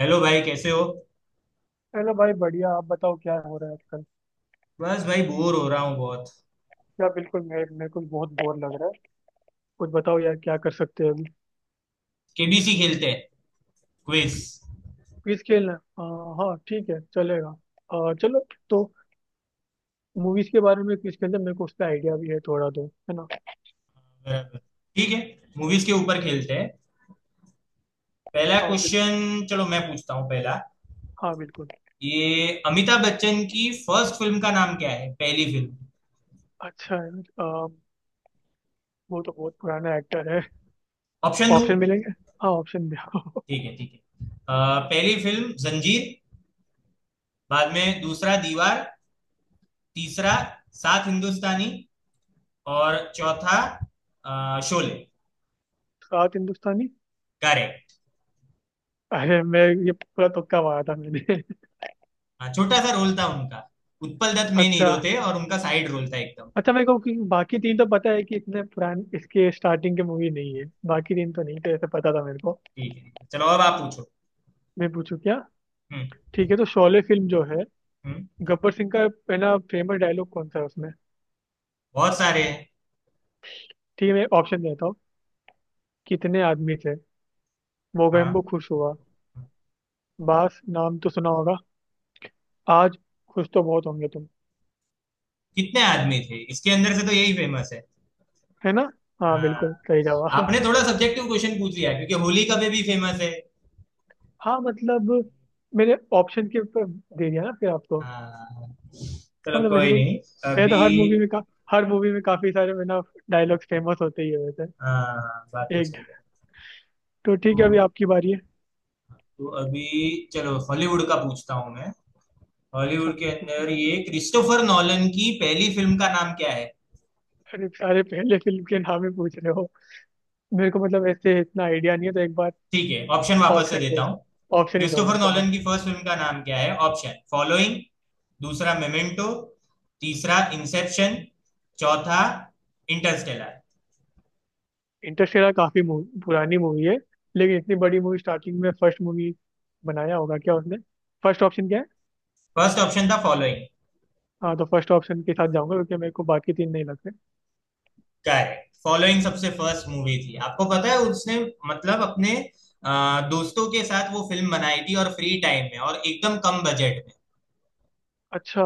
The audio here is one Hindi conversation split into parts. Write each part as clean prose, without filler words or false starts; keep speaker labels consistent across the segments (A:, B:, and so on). A: हेलो भाई कैसे हो।
B: हेलो भाई बढ़िया। आप बताओ क्या हो रहा है आजकल।
A: बस भाई बोर हो रहा हूँ बहुत।
B: यार बिल्कुल। मैं मेरे को भी बहुत बोर लग रहा है। कुछ बताओ यार क्या कर सकते हैं अभी।
A: केबीसी खेलते हैं। क्विज।
B: क्विज खेलना है? हाँ हाँ ठीक है चलेगा। चलो तो मूवीज के बारे में क्विज खेलते हैं, मेरे को उसका आइडिया भी है थोड़ा, तो है ना।
A: बराबर। ठीक है। मूवीज के ऊपर खेलते हैं। पहला
B: हाँ बिल्कुल।
A: क्वेश्चन चलो मैं पूछता हूँ पहला।
B: हाँ बिल्कुल।
A: ये अमिताभ बच्चन की फर्स्ट फिल्म का नाम क्या है, पहली फिल्म?
B: अच्छा है। आ, वो तो बहुत पुराना एक्टर है।
A: ऑप्शन दो।
B: ऑप्शन मिलेंगे। हाँ ऑप्शन दे।
A: ठीक है ठीक है। पहली फिल्म जंजीर, बाद में दूसरा दीवार, तीसरा सात हिंदुस्तानी, और चौथा शोले।
B: सात हिंदुस्तानी।
A: करेक्ट।
B: अरे मैं ये पूरा तुक्का मारा था मैंने।
A: हाँ छोटा सा रोल था उनका। उत्पल दत्त मेन
B: अच्छा।
A: हीरो थे और उनका साइड रोल था एकदम।
B: अच्छा मेरे को कि बाकी तीन तो पता है कि इतने पुराने इसके स्टार्टिंग के मूवी नहीं है, बाकी तीन तो नहीं थे ऐसे, पता था मेरे को।
A: ठीक है चलो अब आप पूछो।
B: मैं पूछूं क्या।
A: हम्म।
B: ठीक है तो शोले फिल्म जो है,
A: हम्म।
B: गब्बर सिंह का पहला फेमस डायलॉग कौन सा है उसमें।
A: बहुत सारे हैं।
B: ठीक है मैं ऑप्शन देता हूँ। कितने आदमी थे।
A: हाँ।
B: मोगेम्बो खुश हुआ। बास नाम तो सुना होगा। आज खुश तो बहुत होंगे तुम।
A: कितने आदमी थे, इसके अंदर से तो यही फेमस है।
B: है ना। हाँ
A: हाँ।
B: बिल्कुल सही जवाब।
A: आपने थोड़ा सब्जेक्टिव क्वेश्चन पूछ लिया क्योंकि होली का भी फेमस है।
B: हाँ मतलब मैंने ऑप्शन के ऊपर दे दिया ना फिर आपको।
A: हाँ, चलो
B: हाँ, मतलब वैसे
A: कोई
B: तो
A: नहीं।
B: मैं
A: अभी।
B: तो हर मूवी में का हर मूवी में काफी सारे मैं ना डायलॉग्स फेमस होते ही है वैसे।
A: हाँ बात तो
B: एक,
A: सही है।
B: तो ठीक है अभी
A: तो,
B: आपकी बारी है।
A: तो अभी चलो हॉलीवुड का पूछता हूँ मैं।
B: अच्छा
A: हॉलीवुड के
B: बिल्कुल।
A: अंदर ये क्रिस्टोफर नॉलन की पहली फिल्म का नाम क्या है?
B: अरे सारे पहले फिल्म के नाम ही पूछ रहे हो। मेरे को मतलब ऐसे इतना आइडिया नहीं है, तो एक बार
A: ठीक है ऑप्शन वापस से
B: ऑप्शन दे
A: देता
B: दो।
A: हूँ।
B: ऑप्शन ही दो
A: क्रिस्टोफर
B: मेरे को हाँ।
A: नॉलन की फर्स्ट फिल्म का नाम क्या है? ऑप्शन फॉलोइंग, दूसरा मेमेंटो, तीसरा इंसेप्शन, चौथा इंटरस्टेलर।
B: इंटरस्टेलर काफी मूव- पुरानी मूवी है, लेकिन इतनी बड़ी मूवी स्टार्टिंग में फर्स्ट मूवी बनाया होगा क्या उसने? फर्स्ट ऑप्शन क्या है?
A: फर्स्ट ऑप्शन था फॉलोइंग।
B: हाँ तो फर्स्ट ऑप्शन के साथ जाऊंगा क्योंकि मेरे को बाकी तीन नहीं लगते।
A: करेक्ट, फॉलोइंग सबसे फर्स्ट मूवी थी, आपको पता है? उसने मतलब अपने दोस्तों के साथ वो फिल्म बनाई थी और फ्री टाइम में और एकदम कम बजट में।
B: अच्छा।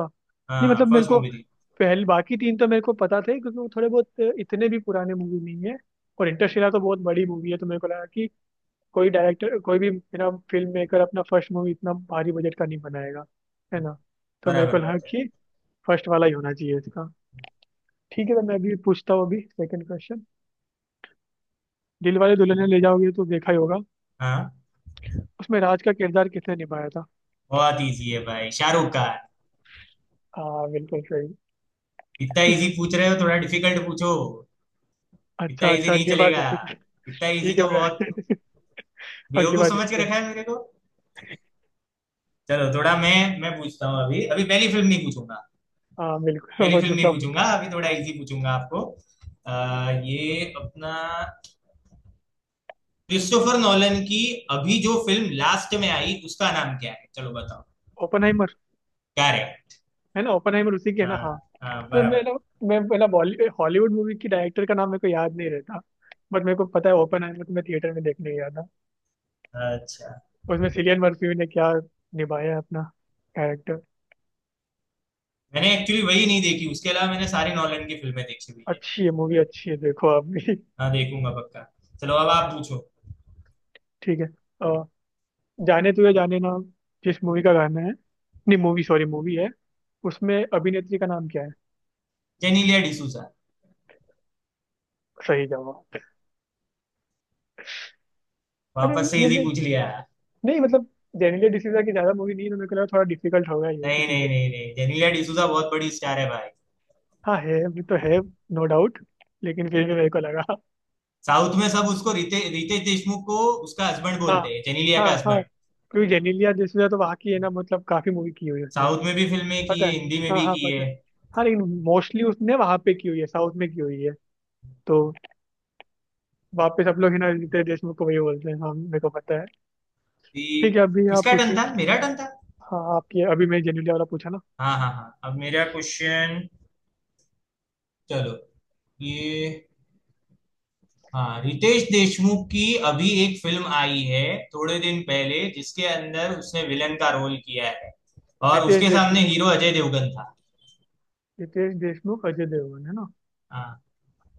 B: नहीं
A: हाँ
B: मतलब मेरे
A: फर्स्ट
B: को
A: मूवी थी।
B: पहले बाकी तीन तो मेरे को पता थे, क्योंकि वो थोड़े बहुत इतने भी पुराने मूवी नहीं है। और इंटरस्टेलर तो बहुत बड़ी मूवी है, तो मेरे को लगा कि कोई डायरेक्टर, कोई भी मेरा फिल्म मेकर अपना फर्स्ट मूवी इतना भारी बजट का नहीं बनाएगा, है ना। तो मेरे को
A: बराबर
B: लगा
A: बात है।
B: कि फर्स्ट वाला ही होना चाहिए इसका। ठीक है तो मैं अभी पूछता हूँ, अभी सेकंड क्वेश्चन। दिल वाले दुल्हनिया ले जाओगे तो देखा ही होगा।
A: हाँ।
B: उसमें राज का किरदार किसने निभाया था?
A: बहुत इजी है भाई, शाहरुख खान।
B: हाँ बिल्कुल सही।
A: इतना इजी पूछ रहे हो, थोड़ा डिफिकल्ट पूछो। इतना
B: अच्छा
A: इजी
B: अच्छा
A: नहीं
B: अगली बार
A: चलेगा।
B: देखेंगे।
A: इतना इजी
B: ठीक है
A: तो बहुत।
B: भैया। अगली
A: बेवकूफ
B: बार
A: समझ के
B: देखते हैं।
A: रखा है मेरे को। चलो थोड़ा मैं पूछता हूँ अभी। अभी पहली फिल्म नहीं पूछूंगा।
B: हाँ बिल्कुल।
A: पहली
B: वो
A: फिल्म नहीं
B: दूसरा पूछ।
A: पूछूंगा, अभी थोड़ा
B: हाँ
A: इजी पूछूंगा आपको। ये अपना क्रिस्टोफर नॉलन की अभी जो फिल्म लास्ट में आई उसका नाम क्या है चलो बताओ।
B: ओपनहाइमर,
A: क्या है?
B: है ना, ओपनहाइमर उसी की है ना हाँ।
A: हाँ। हाँ
B: तो
A: बराबर।
B: मेरा, मैं पहला, बॉलीवुड हॉलीवुड मूवी की डायरेक्टर का नाम मेरे को याद नहीं रहता, बट मेरे को पता है ओपनहाइमर, तो मैं थिएटर में देखने गया था।
A: अच्छा।
B: उसमें सिलियन मर्फी ने क्या निभाया है अपना कैरेक्टर।
A: मैंने एक्चुअली वही नहीं देखी, उसके अलावा मैंने सारी नॉलन की फिल्में देखी हुई है।
B: अच्छी है मूवी, अच्छी है, देखो आप भी।
A: हाँ देखूंगा पक्का। चलो अब आप पूछो।
B: ठीक है। अ, जाने तुझे जाने ना जिस मूवी का गाना है, नहीं मूवी, सॉरी मूवी है, उसमें अभिनेत्री का नाम क्या है?
A: जेनीलिया डिसूजा।
B: सही जवाब। अरे
A: वापस से
B: ये
A: इजी
B: मैं,
A: पूछ लिया।
B: नहीं मतलब जेनेलिया डिसूजा की ज्यादा मूवी नहीं है तो मेरे को लगा थोड़ा डिफिकल्ट होगा ये
A: नहीं
B: किसी के
A: नहीं
B: लिए।
A: नहीं नहीं, जेनेलिया डिसूजा बहुत बड़ी स्टार है भाई।
B: हाँ है, वो तो है, नो डाउट, लेकिन फिर भी मेरे को लगा।
A: साउथ में सब उसको रितेश देशमुख को उसका हस्बैंड
B: हाँ
A: बोलते हैं, जेनेलिया
B: हाँ
A: का
B: हाँ।
A: हस्बैंड।
B: क्योंकि जेनेलिया डिसूजा तो वहाँ की है ना, मतलब काफी मूवी की हुई है उसने।
A: साउथ में भी फिल्में की
B: पता
A: है,
B: है।
A: हिंदी में
B: हाँ
A: भी
B: हाँ
A: की
B: पता
A: है।
B: है। हाँ लेकिन मोस्टली उसने वहाँ पे की हुई है, साउथ में की हुई है, तो वापस सब लोग है ना रितेश देशमुख को वही बोलते हैं, हाँ मेरे को पता है।
A: ये
B: ठीक है अभी आप
A: किसका टर्न
B: पूछिए।
A: था? मेरा टर्न था।
B: हाँ आपकी, अभी मैं जेनेलिया वाला पूछा ना।
A: हाँ हाँ हाँ अब मेरा क्वेश्चन। चलो। ये। हाँ रितेश देशमुख की अभी एक फिल्म आई है थोड़े दिन पहले जिसके अंदर उसने विलन का रोल किया है और
B: रितेश
A: उसके सामने
B: देशमुख,
A: हीरो अजय देवगन था।
B: रितेश देशमुख अजय देवगन है ना।
A: हाँ।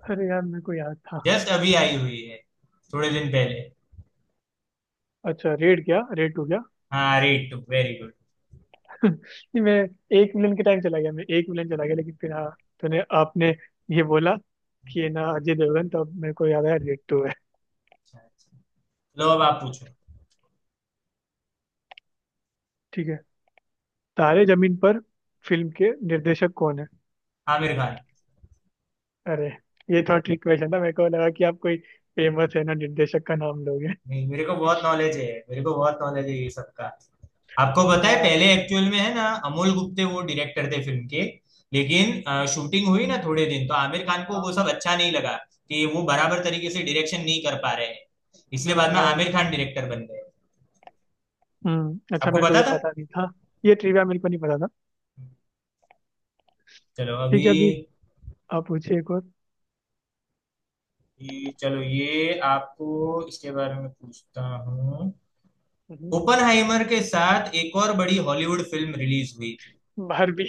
B: अरे यार मेरे को याद था।
A: जस्ट अभी आई हुई है, थोड़े दिन पहले।
B: अच्छा रेड, क्या रेड टू?
A: हाँ रेट वेरी गुड।
B: नहीं, मैं एक विलन के टाइम चला गया, मैं एक विलन चला गया, लेकिन फिर हाँ तूने, आपने ये बोला कि ये ना अजय देवगन, तो अब मेरे को याद आया रेड टू है।
A: लो अब आप पूछो।
B: ठीक है। तारे जमीन पर फिल्म के निर्देशक कौन है?
A: आमिर खान।
B: अरे ये थोड़ा ट्रिक क्वेश्चन था, मेरे को लगा कि आप कोई फेमस है ना निर्देशक का नाम लोगे।
A: नहीं, मेरे को बहुत नॉलेज है। मेरे को बहुत नॉलेज है ये सबका। आपको पता है
B: हाँ।
A: पहले एक्चुअल में है ना अमोल गुप्ते वो डायरेक्टर थे फिल्म के। लेकिन शूटिंग हुई ना थोड़े दिन तो आमिर खान को
B: हाँ।
A: वो सब अच्छा नहीं लगा कि वो बराबर तरीके से डायरेक्शन नहीं कर पा रहे हैं। इसलिए बाद में
B: हाँ।
A: आमिर खान डायरेक्टर बन गए।
B: अच्छा
A: आपको
B: मेरे को
A: पता
B: ये
A: था?
B: पता नहीं था। ये ट्रिविया मेरे को नहीं पता था।
A: चलो
B: ठीक
A: अभी।
B: है अभी आप पूछिए एक और।
A: ये चलो ये आपको इसके बारे में पूछता हूँ।
B: हम्म,
A: ओपनहाइमर के साथ एक और बड़ी हॉलीवुड फिल्म रिलीज हुई।
B: बारबी।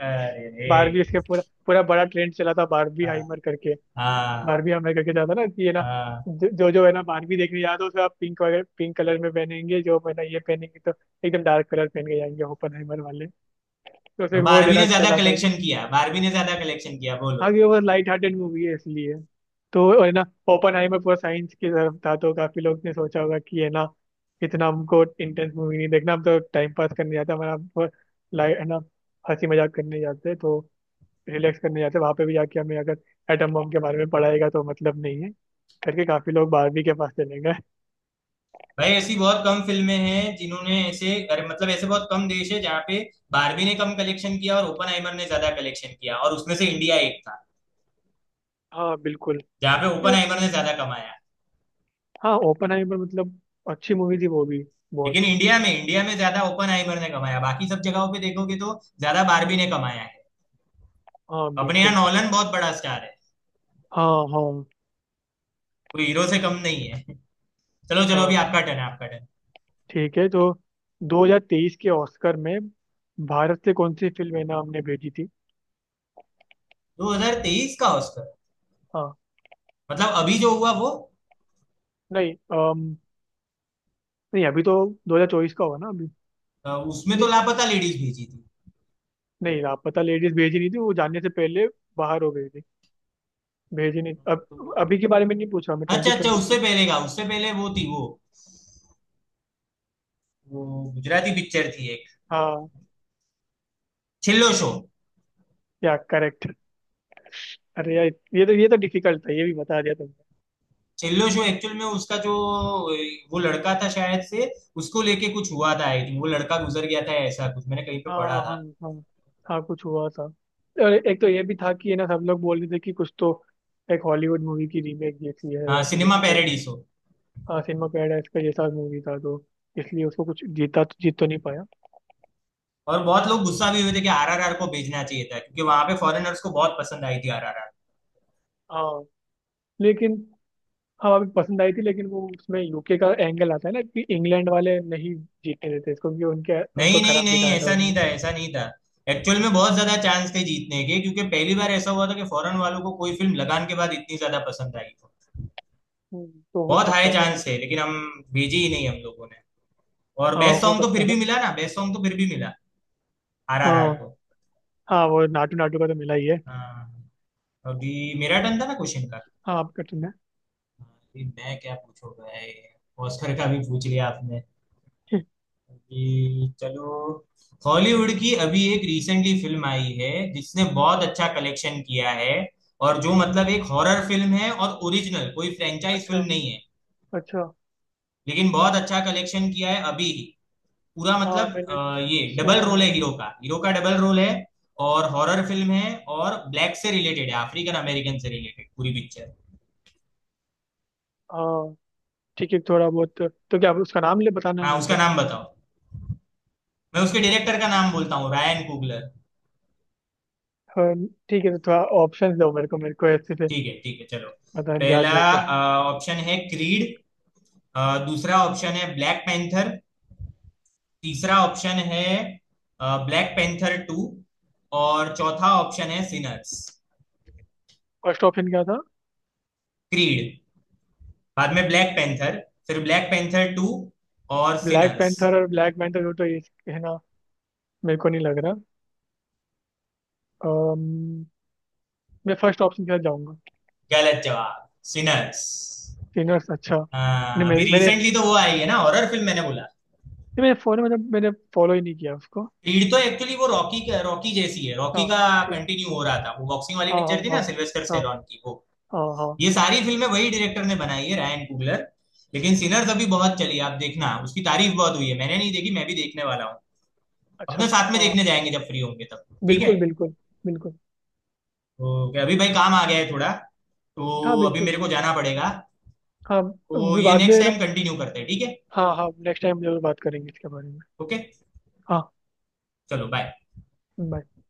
A: अरे रे।
B: बारबी, इसके पूरा पूरा बड़ा ट्रेंड चला था, बारबी
A: हाँ।
B: हाइमर करके।
A: हाँ।
B: बारबी हमें करके जाता ना कि ये ना
A: हाँ।
B: जो जो जो है ना, बारबी देखने जाते हो तो आप पिंक वगैरह पिंक कलर में पहनेंगे जो है ना, ये पहनेंगे, तो एकदम डार्क कलर पहन के जाएंगे ओपनहाइमर वाले, तो
A: और
B: फिर वो
A: बारहवीं
B: देना
A: ने ज्यादा
B: चला था।
A: कलेक्शन किया, बारहवीं ने ज्यादा कलेक्शन किया बोलो।
B: हाँ कि वो लाइट हार्टेड मूवी है इसलिए, तो है ना। ओपनहाइमर पूरा साइंस की तरफ था, तो काफी लोग ने सोचा होगा कि है ना इतना हमको इंटेंस मूवी नहीं देखना, हम तो टाइम पास करने जाते हैं, हमारा लाइट है ना, हंसी मजाक करने जाते हैं, तो रिलैक्स करने जाते हैं, वहां पे भी जाके हमें अगर एटम बम के बारे में पढ़ाएगा तो मतलब नहीं है, करके काफी लोग बारहवीं के पास चले गए।
A: भाई ऐसी बहुत कम फिल्में हैं जिन्होंने ऐसे, अरे मतलब ऐसे बहुत कम देश है जहाँ पे बारहवीं ने कम कलेक्शन किया और ओपनहाइमर ने ज्यादा कलेक्शन किया, और उसमें से इंडिया एक था
B: हाँ बिल्कुल।
A: जहाँ पे ओपनहाइमर ने ज्यादा कमाया।
B: हाँ ओपन पर मतलब अच्छी मूवी थी वो भी, बहुत।
A: लेकिन इंडिया में, इंडिया में ज्यादा ओपनहाइमर ने कमाया, बाकी सब जगहों पे देखोगे तो ज्यादा बारहवीं ने कमाया है।
B: हाँ
A: अपने यहाँ
B: बिल्कुल।
A: नॉलन बहुत बड़ा स्टार है।
B: हाँ हाँ
A: कोई हीरो से कम नहीं है चलो चलो अभी
B: हाँ।
A: आपका टर्न है, आपका टर्न।
B: ठीक है तो 2023 के ऑस्कर में भारत से कौन सी फिल्म है ना हमने भेजी थी?
A: 2023 का ऑस्कर?
B: हाँ।
A: मतलब अभी जो हुआ वो?
B: नहीं। अम, नहीं अभी तो 2024 का होगा ना अभी।
A: उसमें तो
B: नहीं
A: लापता लेडीज भेजी थी।
B: नहीं, लापता लेडीज भेजी नहीं थी, वो जाने से पहले बाहर हो गई थी, भेजी नहीं। अब
A: तो
B: अभी के बारे में नहीं पूछा मैं,
A: अच्छा
B: ट्वेंटी
A: अच्छा,
B: ट्वेंटी थ्री।
A: उससे पहले का। उससे पहले वो थी वो गुजराती पिक्चर थी एक,
B: हाँ,
A: छिल्लो शो।
B: या करेक्ट। अरे यार ये तो डिफिकल्ट था, ये भी बता दिया तुमने।
A: छिल्लो शो एक्चुअल में उसका जो वो लड़का था शायद से, उसको लेके कुछ हुआ था, आई थिंक वो लड़का गुजर गया था, ऐसा कुछ मैंने कहीं पे
B: हाँ
A: पढ़ा
B: हाँ।
A: था।
B: हाँ हाँ कुछ हुआ था। और एक तो ये भी था कि ये ना सब लोग बोल रहे थे कि कुछ तो एक हॉलीवुड मूवी की रीमेक जैसी है,
A: हाँ
B: या तो
A: सिनेमा
B: कुछ तो।
A: पैराडीस हो।
B: हाँ सिनेमा पैराडाइस का जैसा मूवी था, तो इसलिए उसको कुछ जीता तो, जीत तो नहीं पाया।
A: और बहुत लोग गुस्सा भी हुए थे कि आरआरआर को भेजना चाहिए था क्योंकि वहां पे फॉरेनर्स को बहुत पसंद आई थी आरआरआर।
B: हाँ लेकिन, हाँ अभी पसंद आई थी, लेकिन वो उसमें यूके का एंगल आता है ना कि इंग्लैंड वाले नहीं जीतने देते इसको, क्योंकि उनके उनको
A: नहीं नहीं
B: खराब
A: नहीं,
B: दिखाया था
A: ऐसा
B: उसमें।
A: नहीं था, ऐसा नहीं था। एक्चुअल में बहुत ज्यादा चांस थे जीतने के क्योंकि पहली बार ऐसा हुआ था कि फॉरेन वालों को कोई फिल्म लगान के बाद इतनी ज्यादा पसंद आई हो।
B: तो हो
A: बहुत हाई
B: सकता था।
A: चांस थे, लेकिन हम भेजी ही नहीं हम लोगों ने। और
B: हाँ
A: बेस्ट
B: हो
A: सॉन्ग तो
B: सकता
A: फिर
B: था।
A: भी मिला ना, बेस्ट सॉन्ग तो फिर भी मिला आरआरआर
B: हाँ।
A: को।
B: हाँ वो नाटू नाटू का तो मिला ही है।
A: हाँ। अभी मेरा टर्न था ना क्वेश्चन का।
B: हाँ आपका, तुमने।
A: अभी मैं क्या पूछूंगा, ऑस्कर का भी पूछ लिया आपने। अभी चलो, हॉलीवुड की अभी एक रिसेंटली फिल्म आई है जिसने बहुत अच्छा कलेक्शन किया है और जो मतलब एक हॉरर फिल्म है और ओरिजिनल, कोई फ्रेंचाइज फिल्म
B: अच्छा
A: नहीं है
B: अच्छा।
A: लेकिन बहुत अच्छा कलेक्शन किया है अभी ही। पूरा
B: हाँ
A: मतलब
B: मैंने
A: ये डबल
B: सुना है
A: रोल
B: ना।
A: है हीरो का, हीरो का डबल रोल है। और हॉरर फिल्म है और ब्लैक से रिलेटेड है, अफ्रीकन अमेरिकन से रिलेटेड पूरी पिक्चर।
B: हाँ ठीक है, थोड़ा बहुत। तो क्या उसका नाम ले बताना है
A: हाँ
B: मेरे
A: उसका
B: को?
A: नाम बताओ। मैं उसके डायरेक्टर का नाम बोलता हूँ, रायन कुगलर।
B: हाँ, ठीक है तो थोड़ा ऑप्शन दो मेरे को, मेरे को ऐसे से
A: ठीक है चलो।
B: पता याद
A: पहला
B: नहीं होगा।
A: ऑप्शन है क्रीड, दूसरा ऑप्शन है ब्लैक पैंथर, तीसरा ऑप्शन है ब्लैक पैंथर टू, और चौथा ऑप्शन है सिनर्स।
B: फर्स्ट ऑप्शन क्या था?
A: क्रीड, बाद में ब्लैक पैंथर, फिर ब्लैक पैंथर टू, और
B: ब्लैक
A: सिनर्स।
B: पैंथर और ब्लैक पैंथर तो ये, है ना, मेरे को नहीं लग रहा। अम्म, मैं फर्स्ट ऑप्शन के साथ जाऊंगा।
A: गलत जवाब, सिनर्स।
B: सिनियर्स, अच्छा। नहीं
A: हाँ अभी
B: मेरे मैंने
A: रिसेंटली तो वो आई है ना, हॉरर फिल्म मैंने बोला।
B: नहीं, मेरे फोन में मतलब मैंने फॉलो ही नहीं किया उसको।
A: क्रीड तो एक्चुअली वो रॉकी, रॉकी जैसी है,
B: हाँ।
A: रॉकी का
B: ठीक।
A: कंटिन्यू हो रहा था, वो बॉक्सिंग वाली
B: हाँ हाँ
A: पिक्चर थी
B: हाँ।
A: ना सिल्वेस्टर
B: हाँ
A: स्टेलोन की वो।
B: हाँ हाँ।
A: ये सारी फिल्में वही डायरेक्टर ने बनाई है, रायन कुगलर। लेकिन सिनर्स अभी बहुत चली, आप देखना उसकी तारीफ बहुत हुई है, मैंने नहीं देखी, मैं भी देखने वाला हूँ। अपने
B: अच्छा।
A: साथ में
B: हाँ
A: देखने जाएंगे जब फ्री होंगे तब, ठीक है।
B: बिल्कुल बिल्कुल बिल्कुल।
A: तो क्या अभी भाई काम आ गया है थोड़ा,
B: हाँ
A: तो अभी
B: बिल्कुल।
A: मेरे को जाना पड़ेगा।
B: हाँ,
A: तो ये
B: बाद
A: नेक्स्ट
B: में ना।
A: टाइम कंटिन्यू करते हैं, ठीक है।
B: हाँ हाँ नेक्स्ट टाइम जरूर बात करेंगे इसके बारे में।
A: ओके।
B: हाँ
A: चलो बाय।
B: bye.